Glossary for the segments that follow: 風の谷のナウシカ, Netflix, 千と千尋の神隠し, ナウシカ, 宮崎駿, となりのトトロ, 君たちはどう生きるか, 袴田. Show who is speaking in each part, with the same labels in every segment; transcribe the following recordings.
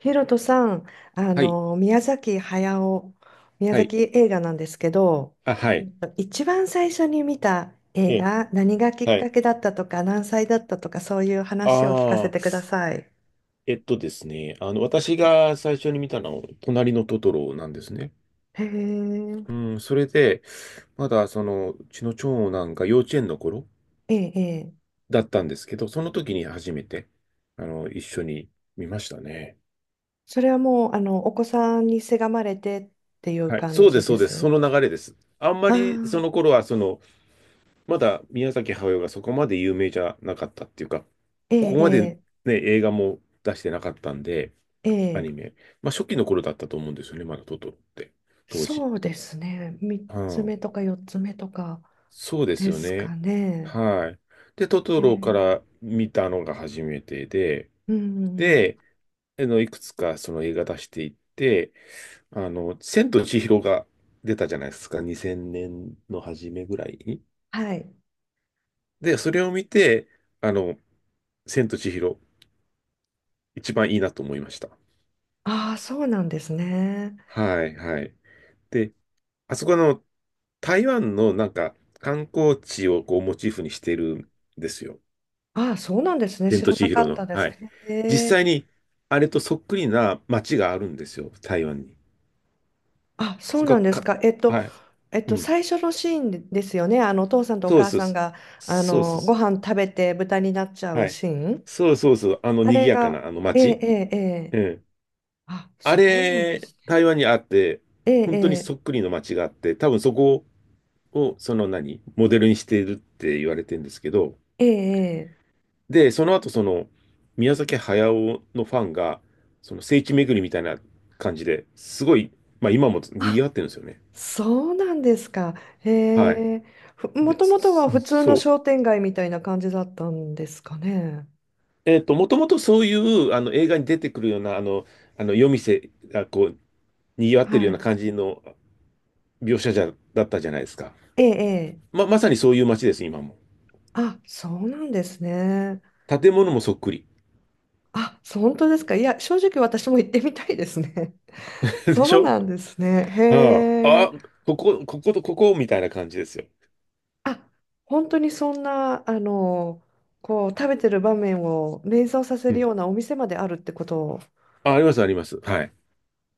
Speaker 1: ヒロトさん、
Speaker 2: はい。
Speaker 1: 宮崎駿、宮
Speaker 2: はい。
Speaker 1: 崎映画なんですけど、
Speaker 2: あ、はい。
Speaker 1: 一番最初に見た映
Speaker 2: ええ、
Speaker 1: 画、何がきっ
Speaker 2: は
Speaker 1: か
Speaker 2: い。
Speaker 1: けだったとか、何歳だったとか、そういう話を聞かせ
Speaker 2: ああ、
Speaker 1: てください。
Speaker 2: ですね、私が最初に見たのは、隣のトトロなんですね。
Speaker 1: へえ、
Speaker 2: うん、それで、まだ、うちの長男が幼稚園の頃
Speaker 1: ええ、ええ、
Speaker 2: だったんですけど、その時に初めて、一緒に見ましたね。
Speaker 1: それはもう、お子さんにせがまれてっていう
Speaker 2: はい、
Speaker 1: 感
Speaker 2: そうで
Speaker 1: じ
Speaker 2: す、そ
Speaker 1: で
Speaker 2: うです、そ
Speaker 1: す
Speaker 2: の流れです。あんま
Speaker 1: あ
Speaker 2: り、そ
Speaker 1: あ、
Speaker 2: の頃は、まだ宮崎駿がそこまで有名じゃなかったっていうか、
Speaker 1: え
Speaker 2: ここまでね、
Speaker 1: え、
Speaker 2: 映画も出してなかったんで、
Speaker 1: え
Speaker 2: ア
Speaker 1: え、ええ、
Speaker 2: ニメ。まあ、初期の頃だったと思うんですよね、まだトトロって、当時。
Speaker 1: そうですね。3
Speaker 2: う
Speaker 1: つ
Speaker 2: ん、
Speaker 1: 目とか4つ目とか
Speaker 2: そうで
Speaker 1: で
Speaker 2: すよ
Speaker 1: すか
Speaker 2: ね。
Speaker 1: ね。
Speaker 2: はい。で、トトロか
Speaker 1: ええ、
Speaker 2: ら見たのが初めてで、
Speaker 1: うん、うん、
Speaker 2: で、いくつかその映画出していって、千と千尋が出たじゃないですか、2000年の初めぐらいに。
Speaker 1: はい。
Speaker 2: で、それを見て、あの、千と千尋、一番いいなと思いました。
Speaker 1: ああ、そうなんですね。
Speaker 2: はい、はい。で、あそこの台湾のなんか観光地をこうモチーフにしてるんですよ。
Speaker 1: ああ、そうなんですね。
Speaker 2: 千
Speaker 1: 知
Speaker 2: と
Speaker 1: らな
Speaker 2: 千
Speaker 1: か
Speaker 2: 尋
Speaker 1: った
Speaker 2: の。
Speaker 1: で
Speaker 2: は
Speaker 1: す。
Speaker 2: い。
Speaker 1: へ
Speaker 2: 実際
Speaker 1: え。
Speaker 2: にあれとそっくりな街があるんですよ、台湾に。
Speaker 1: あ、そう
Speaker 2: そこ
Speaker 1: なん
Speaker 2: は
Speaker 1: です
Speaker 2: か、
Speaker 1: か。
Speaker 2: はい。うん。
Speaker 1: 最初のシーンでですよね。お父さんとお
Speaker 2: そう
Speaker 1: 母
Speaker 2: そう
Speaker 1: さん
Speaker 2: そう。
Speaker 1: が、
Speaker 2: そうそう
Speaker 1: ご
Speaker 2: そ
Speaker 1: 飯食べて豚になっちゃ
Speaker 2: う。は
Speaker 1: う
Speaker 2: い。
Speaker 1: シーン。
Speaker 2: そうそうそう。あの
Speaker 1: あ
Speaker 2: 賑
Speaker 1: れ
Speaker 2: やか
Speaker 1: が、
Speaker 2: なあの
Speaker 1: ええ、
Speaker 2: 街。
Speaker 1: ええ、ええ。
Speaker 2: うん。
Speaker 1: あ、
Speaker 2: あ
Speaker 1: そうなんで
Speaker 2: れ、
Speaker 1: すね。
Speaker 2: 台湾にあって、
Speaker 1: え
Speaker 2: 本当に
Speaker 1: え、
Speaker 2: そっくりの街があって、多分そこをその何、モデルにしているって言われてるんですけど、
Speaker 1: ええ、ええ。ええ、
Speaker 2: で、その後、宮崎駿のファンが、その聖地巡りみたいな感じですごい、まあ今も賑
Speaker 1: あ、
Speaker 2: わってるんですよね。
Speaker 1: そうなんですか。へ
Speaker 2: はい。
Speaker 1: え。も
Speaker 2: で、
Speaker 1: ともとは
Speaker 2: そ
Speaker 1: 普通の
Speaker 2: そう。
Speaker 1: 商店街みたいな感じだったんですかね。
Speaker 2: もともとそういうあの映画に出てくるような、あの夜店がこう、賑わってる
Speaker 1: は
Speaker 2: ような
Speaker 1: い。
Speaker 2: 感じの描写じゃ、だったじゃないですか。
Speaker 1: ええ、え、
Speaker 2: まさにそういう街です、今も。
Speaker 1: あ、そうなんですね。
Speaker 2: 建物もそっくり。
Speaker 1: あ、そう、本当ですか。いや、正直私も行ってみたいですね。
Speaker 2: でし
Speaker 1: そう
Speaker 2: ょ。
Speaker 1: なんですね。へ
Speaker 2: ああ、
Speaker 1: え。
Speaker 2: ここと、ここみたいな感じですよ。
Speaker 1: あ、本当にそんな、こう、食べてる場面を連想させ
Speaker 2: う
Speaker 1: る
Speaker 2: ん。
Speaker 1: ようなお店まであるってことを。
Speaker 2: あります、あります。はい。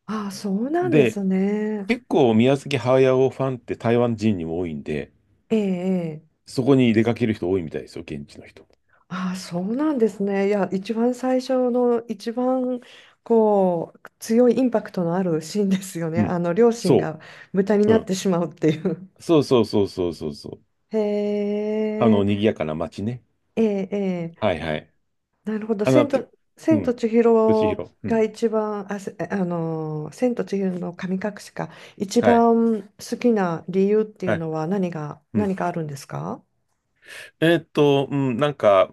Speaker 1: あ、そうなんで
Speaker 2: で、
Speaker 1: すね。
Speaker 2: 結構宮崎駿ファンって台湾人にも多いんで、
Speaker 1: ええ、ええ、
Speaker 2: そこに出かける人多いみたいですよ、現地の人。
Speaker 1: あ、そうなんですね。いや、一番最初の、一番、こう、強いインパクトのあるシーンですよね。
Speaker 2: うん。
Speaker 1: 両親
Speaker 2: そ
Speaker 1: が豚に
Speaker 2: う。う
Speaker 1: なっ
Speaker 2: ん。
Speaker 1: てしまうっていう。
Speaker 2: そうそうそうそうそうそう。
Speaker 1: へ
Speaker 2: あの、賑
Speaker 1: え、
Speaker 2: やかな街ね。
Speaker 1: ええ、ええ、
Speaker 2: はいはい。
Speaker 1: なるほど。
Speaker 2: あの、け、う
Speaker 1: 千と
Speaker 2: ん。
Speaker 1: 千
Speaker 2: 敏
Speaker 1: 尋
Speaker 2: 弘。う
Speaker 1: が
Speaker 2: ん。
Speaker 1: 一番、あの、千と千尋の神隠しか、一
Speaker 2: はい。
Speaker 1: 番好きな理由ってい
Speaker 2: は
Speaker 1: う
Speaker 2: い。
Speaker 1: のは
Speaker 2: うん。
Speaker 1: 何かあるんですか？
Speaker 2: うん、なんか、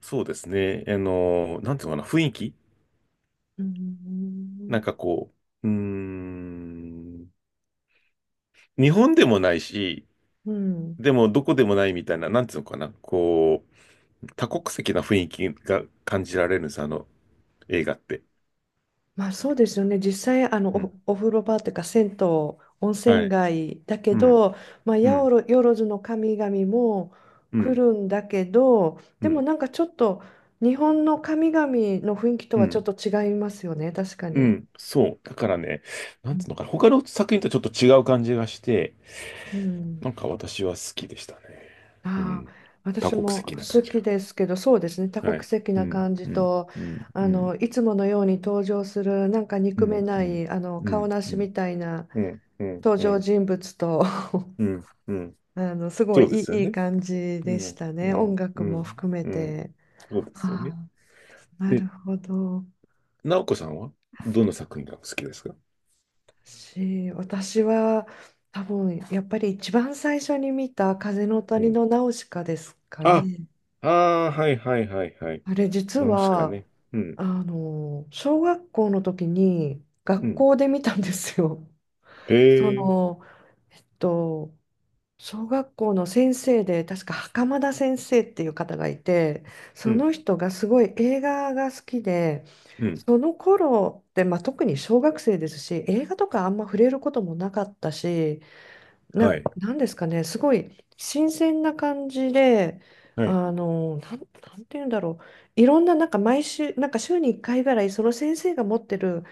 Speaker 2: そうですね。なんていうのかな、雰囲気
Speaker 1: う
Speaker 2: な
Speaker 1: ん。
Speaker 2: んかこう、うーん。日本でもないし、
Speaker 1: うん、
Speaker 2: でもどこでもないみたいな、なんていうのかな、こう、多国籍な雰囲気が感じられるんです、あの映画って。
Speaker 1: まあそうですよね。実際、あの、
Speaker 2: うん。
Speaker 1: お風呂場というか、銭湯、温
Speaker 2: は
Speaker 1: 泉
Speaker 2: い。
Speaker 1: 街だけ
Speaker 2: うん。
Speaker 1: ど、まあ、
Speaker 2: う
Speaker 1: やお
Speaker 2: ん。
Speaker 1: ろ、よろずの神々も
Speaker 2: う
Speaker 1: 来
Speaker 2: ん。
Speaker 1: るんだけど、
Speaker 2: う
Speaker 1: でも
Speaker 2: ん。
Speaker 1: なんかちょっと、日本の神々の雰囲気と
Speaker 2: う
Speaker 1: はちょっ
Speaker 2: ん。
Speaker 1: と違いますよね、確か
Speaker 2: う
Speaker 1: に。
Speaker 2: ん。そう。だからね、なんつうのかな。他の作品とちょっと違う感じがして、
Speaker 1: うん。
Speaker 2: なんか私は好きでしたね。う
Speaker 1: ああ、
Speaker 2: ん。多
Speaker 1: 私
Speaker 2: 国
Speaker 1: も
Speaker 2: 籍な感
Speaker 1: 好
Speaker 2: じが。
Speaker 1: きですけど、そうですね、多
Speaker 2: は
Speaker 1: 国
Speaker 2: い。
Speaker 1: 籍
Speaker 2: う
Speaker 1: な
Speaker 2: ん。
Speaker 1: 感じ
Speaker 2: うん。
Speaker 1: と、
Speaker 2: うん。うん。
Speaker 1: いつものように登場する、なんか
Speaker 2: う
Speaker 1: 憎め
Speaker 2: ん。
Speaker 1: な
Speaker 2: うん。
Speaker 1: い、
Speaker 2: う
Speaker 1: 顔
Speaker 2: ん。
Speaker 1: な
Speaker 2: う
Speaker 1: し
Speaker 2: ん。
Speaker 1: みたいな
Speaker 2: うん。うん。
Speaker 1: 登
Speaker 2: う
Speaker 1: 場
Speaker 2: ん。
Speaker 1: 人物と
Speaker 2: う ん。うん、
Speaker 1: すご
Speaker 2: そ
Speaker 1: い
Speaker 2: うで
Speaker 1: い
Speaker 2: すよ
Speaker 1: い、いい
Speaker 2: ね。
Speaker 1: 感じ
Speaker 2: う
Speaker 1: でし
Speaker 2: ん。
Speaker 1: た
Speaker 2: う
Speaker 1: ね。音
Speaker 2: ん。う
Speaker 1: 楽も
Speaker 2: ん。
Speaker 1: 含め
Speaker 2: うん。
Speaker 1: て。
Speaker 2: そうですよね。
Speaker 1: ああ、な
Speaker 2: え
Speaker 1: るほど。
Speaker 2: 直子さんはどの作品が好きですか？
Speaker 1: 私は多分やっぱり一番最初に見た「風の
Speaker 2: う
Speaker 1: 谷
Speaker 2: ん。
Speaker 1: のナウシカ」ですか
Speaker 2: あ、
Speaker 1: ね。
Speaker 2: ああ、はいはいはいはい。
Speaker 1: あれ実
Speaker 2: ナウシカ
Speaker 1: は
Speaker 2: ね。うん、
Speaker 1: 小学校の時に
Speaker 2: う
Speaker 1: 学
Speaker 2: ん。
Speaker 1: 校で見たんですよ。
Speaker 2: へ
Speaker 1: そ
Speaker 2: え、
Speaker 1: の、えっと小学校の先生で確か袴田先生っていう方がいて、
Speaker 2: う
Speaker 1: そ
Speaker 2: ん、
Speaker 1: の人がすごい映画が好きで、
Speaker 2: うん。
Speaker 1: その頃って、まあ、特に小学生ですし映画とかあんま触れることもなかったし、
Speaker 2: はい、
Speaker 1: なんですかね、すごい新鮮な感じで、
Speaker 2: はい、
Speaker 1: なんて言うんだろう、いろんな、なんか毎週、なんか週に1回ぐらいその先生が持ってる、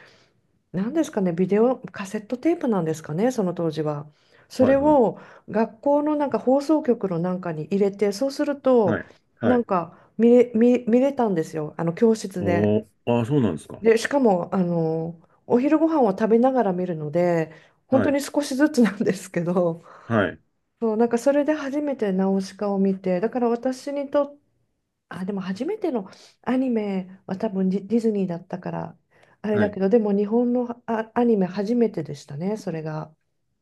Speaker 1: 何ですかね、ビデオ、カセットテープなんですかね、その当時は。そ
Speaker 2: は
Speaker 1: れ
Speaker 2: い、はい、
Speaker 1: を学校のなんか放送局のなんかに入れて、そうすると、
Speaker 2: はい、は
Speaker 1: なん
Speaker 2: い。
Speaker 1: か見れ、見、見れたんですよ、あの教室で。
Speaker 2: おー、ああ、そうなんですか。
Speaker 1: で、しかも、お昼ご飯を食べながら見るので、本
Speaker 2: は
Speaker 1: 当
Speaker 2: い、
Speaker 1: に少しずつなんですけど、
Speaker 2: はい、
Speaker 1: そう、なんかそれで初めてナウシカを見て、だから私にとっあ、でも初めてのアニメは多分ディズニーだったから、あれ
Speaker 2: は
Speaker 1: だ
Speaker 2: い。
Speaker 1: けど、でも日本のアニメ初めてでしたね、それが。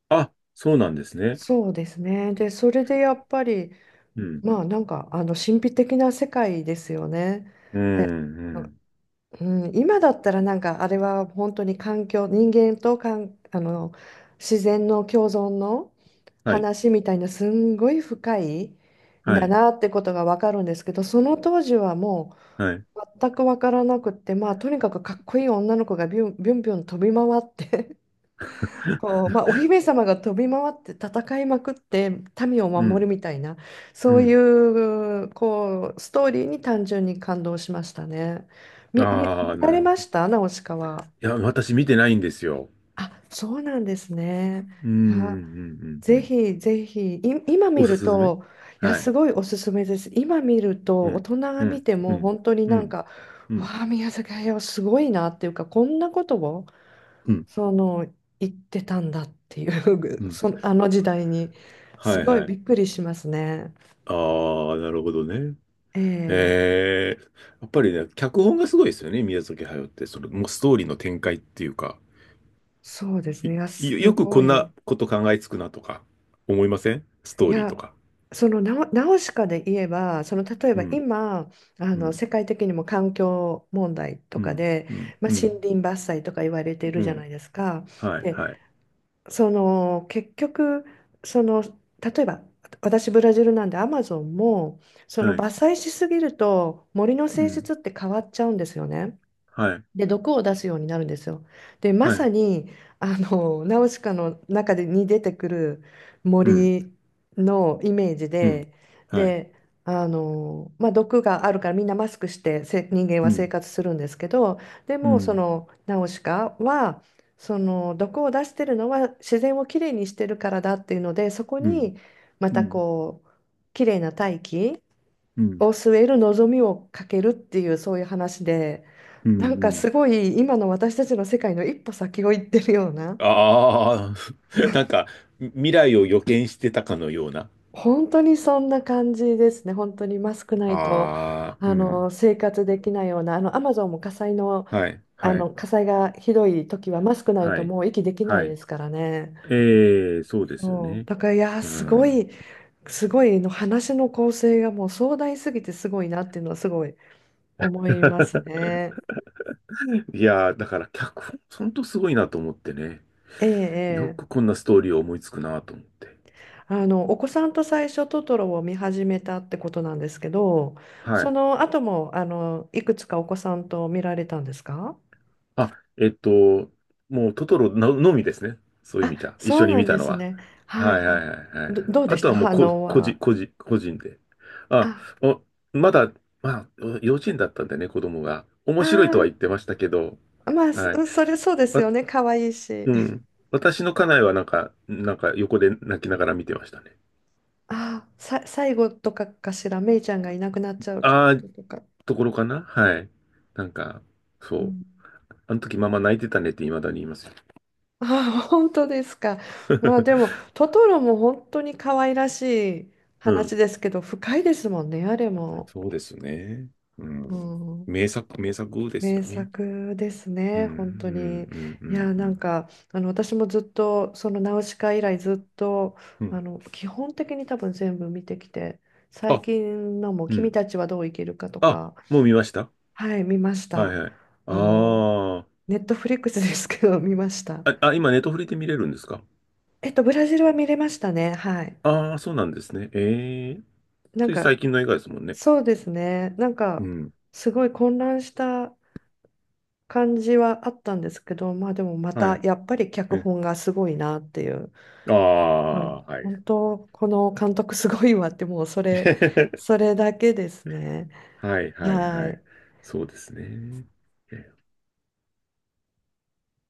Speaker 2: あ、そうなんですね。
Speaker 1: そうですね。で、それでやっぱり、
Speaker 2: うん、
Speaker 1: まあなんか、神秘的な世界ですよね。
Speaker 2: うん、うん。
Speaker 1: うん、今だったらなんかあれは本当に環境、人間とか、自然の共存の
Speaker 2: はい、
Speaker 1: 話みたいな、すんごい深いん
Speaker 2: は
Speaker 1: だ
Speaker 2: い、
Speaker 1: なってことが分かるんですけど、その当時はも
Speaker 2: はい。
Speaker 1: う全く分からなくって、まあとにかくかっこいい女の子がビュンビュンビュン飛び回って こう、まあ、お姫様が飛び回って戦いまくって民を
Speaker 2: う
Speaker 1: 守る
Speaker 2: ん、
Speaker 1: みたいな、
Speaker 2: う
Speaker 1: そうい
Speaker 2: ん。
Speaker 1: う、こうストーリーに単純に感動しましたね。み、み、
Speaker 2: ああ、
Speaker 1: 見ら
Speaker 2: な
Speaker 1: れ
Speaker 2: る
Speaker 1: ま
Speaker 2: ほど。
Speaker 1: したナウシカは。
Speaker 2: いや、私見てないんですよ。
Speaker 1: あ、そうなんですね。
Speaker 2: うん、う
Speaker 1: いや、
Speaker 2: ん、うん、うん。う
Speaker 1: ぜ
Speaker 2: ん。
Speaker 1: ひぜひ、い、今
Speaker 2: お
Speaker 1: 見
Speaker 2: す
Speaker 1: る
Speaker 2: すめ。
Speaker 1: と、いや、
Speaker 2: は
Speaker 1: す
Speaker 2: い。
Speaker 1: ごいおすすめです。今見る
Speaker 2: う
Speaker 1: と、大
Speaker 2: ん。
Speaker 1: 人が
Speaker 2: う
Speaker 1: 見
Speaker 2: ん。
Speaker 1: て
Speaker 2: う
Speaker 1: も
Speaker 2: ん。
Speaker 1: 本当に
Speaker 2: う
Speaker 1: なん
Speaker 2: ん。
Speaker 1: か、
Speaker 2: うん。
Speaker 1: わあ、宮崎駿すごいなっていうか、こんなことを。
Speaker 2: うん。
Speaker 1: その行ってたんだっていう
Speaker 2: う ん。
Speaker 1: そのあの時代にす
Speaker 2: はい
Speaker 1: ごい
Speaker 2: は
Speaker 1: び
Speaker 2: い。
Speaker 1: っくりしますね。
Speaker 2: ああ、なるほどね。
Speaker 1: ええ、
Speaker 2: へえ。やっぱりね、脚本がすごいですよね、宮崎駿って。もうストーリーの展開っていうか。
Speaker 1: そうですね。いや、す
Speaker 2: よく
Speaker 1: ご
Speaker 2: こんな
Speaker 1: い。
Speaker 2: こと考えつくなとか、思いませんスト
Speaker 1: い
Speaker 2: ーリーと
Speaker 1: や、
Speaker 2: か？
Speaker 1: その、ナウシカで言えば、その、例え
Speaker 2: う
Speaker 1: ば
Speaker 2: ん。
Speaker 1: 今、
Speaker 2: うん。
Speaker 1: 世界的にも環境問題と
Speaker 2: う
Speaker 1: か
Speaker 2: ん。
Speaker 1: で、
Speaker 2: うん。
Speaker 1: まあ、
Speaker 2: う
Speaker 1: 森
Speaker 2: ん。
Speaker 1: 林伐採とか言われている
Speaker 2: う
Speaker 1: じゃな
Speaker 2: ん。
Speaker 1: いですか。
Speaker 2: はい。はい。
Speaker 1: で、その結局その例えば、私ブラジルなんでアマゾンも、その
Speaker 2: はい。
Speaker 1: 伐採しすぎると森の
Speaker 2: う
Speaker 1: 性質
Speaker 2: ん。
Speaker 1: って変わっちゃうんですよね。
Speaker 2: はい。
Speaker 1: で、毒を出すようになるんですよ。で、ま
Speaker 2: は
Speaker 1: さ
Speaker 2: い。
Speaker 1: に、ナウシカの中でに出てくる
Speaker 2: うん。
Speaker 1: 森のイメージ
Speaker 2: うん。
Speaker 1: で、
Speaker 2: はい。
Speaker 1: で、まあ、毒があるからみんなマスクして人間
Speaker 2: う
Speaker 1: は生
Speaker 2: ん。
Speaker 1: 活するんですけど、で
Speaker 2: う
Speaker 1: もそ
Speaker 2: ん。
Speaker 1: のナウシカは、その毒を出してるのは自然をきれいにしてるからだっていうので、そこ
Speaker 2: うん。
Speaker 1: にま
Speaker 2: う
Speaker 1: た
Speaker 2: ん。
Speaker 1: こう、きれいな大気
Speaker 2: うん。
Speaker 1: を据える望みをかけるっていう、そういう話で、
Speaker 2: うん。うん。
Speaker 1: なん
Speaker 2: う
Speaker 1: かす
Speaker 2: ん。
Speaker 1: ごい今の私たちの世界の一歩先を行ってるような、
Speaker 2: ああ、なんか、未来を予見してたかのような。
Speaker 1: 本当にそんな感じですね。本当にマスクないと
Speaker 2: ああ、うん。
Speaker 1: 生活できないような、あのアマゾンも火災の、
Speaker 2: はい、
Speaker 1: あ
Speaker 2: は
Speaker 1: の
Speaker 2: い、
Speaker 1: 火災がひどい時はマスクない
Speaker 2: は
Speaker 1: と
Speaker 2: い、
Speaker 1: もう息できな
Speaker 2: は
Speaker 1: いで
Speaker 2: い。
Speaker 1: すからね。
Speaker 2: ええ、そうですよ
Speaker 1: そう、
Speaker 2: ね。
Speaker 1: だから、いやー
Speaker 2: う
Speaker 1: すご
Speaker 2: ん。
Speaker 1: い、すごいの話の構成がもう壮大すぎてすごいなっていうのは、すごい思います ね。
Speaker 2: いやー、だから脚本、ほんとすごいなと思ってね。
Speaker 1: え
Speaker 2: よ
Speaker 1: え、
Speaker 2: く
Speaker 1: ええ、
Speaker 2: こんなストーリーを思いつくなと思って。
Speaker 1: お子さんと最初トトロを見始めたってことなんですけど、
Speaker 2: は
Speaker 1: そ
Speaker 2: い。
Speaker 1: の後も、いくつかお子さんと見られたんですか？
Speaker 2: あ、えっと、もうトトロのみですね。そういう意
Speaker 1: あ、
Speaker 2: 味じゃ。一
Speaker 1: そう
Speaker 2: 緒に
Speaker 1: な
Speaker 2: 見
Speaker 1: ん
Speaker 2: た
Speaker 1: で
Speaker 2: の
Speaker 1: す
Speaker 2: は。
Speaker 1: ね。はい
Speaker 2: はい
Speaker 1: は
Speaker 2: は
Speaker 1: い。
Speaker 2: いはいはい。
Speaker 1: どうで
Speaker 2: あ
Speaker 1: し
Speaker 2: と
Speaker 1: た、
Speaker 2: はもう
Speaker 1: 反応
Speaker 2: 個人、
Speaker 1: は。
Speaker 2: 個人、個人で。あ、
Speaker 1: あ、
Speaker 2: お、まだ、まあ、お幼稚園だったんでね、子供が。面白いとは
Speaker 1: あ
Speaker 2: 言ってましたけど、
Speaker 1: ー、まあ、そ
Speaker 2: はい。
Speaker 1: それそうです
Speaker 2: わ、
Speaker 1: よね。可愛いし。
Speaker 2: うん。私の家内はなんか、横で泣きながら見てましたね。
Speaker 1: あー、最後とかかしら、メイちゃんがいなくなっちゃうと
Speaker 2: あ
Speaker 1: こ
Speaker 2: あ、
Speaker 1: ととか。
Speaker 2: ところかな。はい。なんか、そ
Speaker 1: う
Speaker 2: う。
Speaker 1: ん、
Speaker 2: あの時ママ泣いてたねって未だに言いますよ。
Speaker 1: あ、本当ですか。まあでも、トトロも本当に可愛らしい
Speaker 2: うん。
Speaker 1: 話ですけど、深いですもんね、あれも。
Speaker 2: そうですね。う
Speaker 1: う
Speaker 2: ん。
Speaker 1: ん、
Speaker 2: 名作、名作です
Speaker 1: 名
Speaker 2: よね。
Speaker 1: 作です
Speaker 2: うん、
Speaker 1: ね、
Speaker 2: う
Speaker 1: 本当に。
Speaker 2: ん、うん、う
Speaker 1: い
Speaker 2: ん、
Speaker 1: や、
Speaker 2: う
Speaker 1: なん
Speaker 2: ん。
Speaker 1: か、私もずっと、そのナウシカ以来ずっと、
Speaker 2: うん。
Speaker 1: 基本的に多分全部見てきて、最
Speaker 2: あ、
Speaker 1: 近のも、
Speaker 2: う
Speaker 1: 君
Speaker 2: ん。
Speaker 1: たちはどう生きるかと
Speaker 2: あ、
Speaker 1: か、
Speaker 2: もう見ました？
Speaker 1: はい、見まし
Speaker 2: はい
Speaker 1: た。
Speaker 2: はい。
Speaker 1: あの、
Speaker 2: あ
Speaker 1: ネットフリックスですけど、見ました。
Speaker 2: あ。あ今、ネットフリで見れるんですか？
Speaker 1: ブラジルは見れましたね、はい。
Speaker 2: ああー、そうなんですね。ええ、
Speaker 1: なん
Speaker 2: つい
Speaker 1: か、
Speaker 2: 最近の映画ですもんね。
Speaker 1: そうですね。なん
Speaker 2: う
Speaker 1: か、
Speaker 2: ん。
Speaker 1: すごい混乱した感じはあったんですけど、まあでもま
Speaker 2: は
Speaker 1: た、
Speaker 2: い。
Speaker 1: やっぱり脚
Speaker 2: え、
Speaker 1: 本がすごいなっていう。
Speaker 2: あ
Speaker 1: ま
Speaker 2: あ、
Speaker 1: あ、
Speaker 2: はい。
Speaker 1: 本当、この監督すごいわって、もうそれ、そ れだけですね。
Speaker 2: はい、はい、
Speaker 1: は
Speaker 2: はい。
Speaker 1: い。
Speaker 2: そうですね。え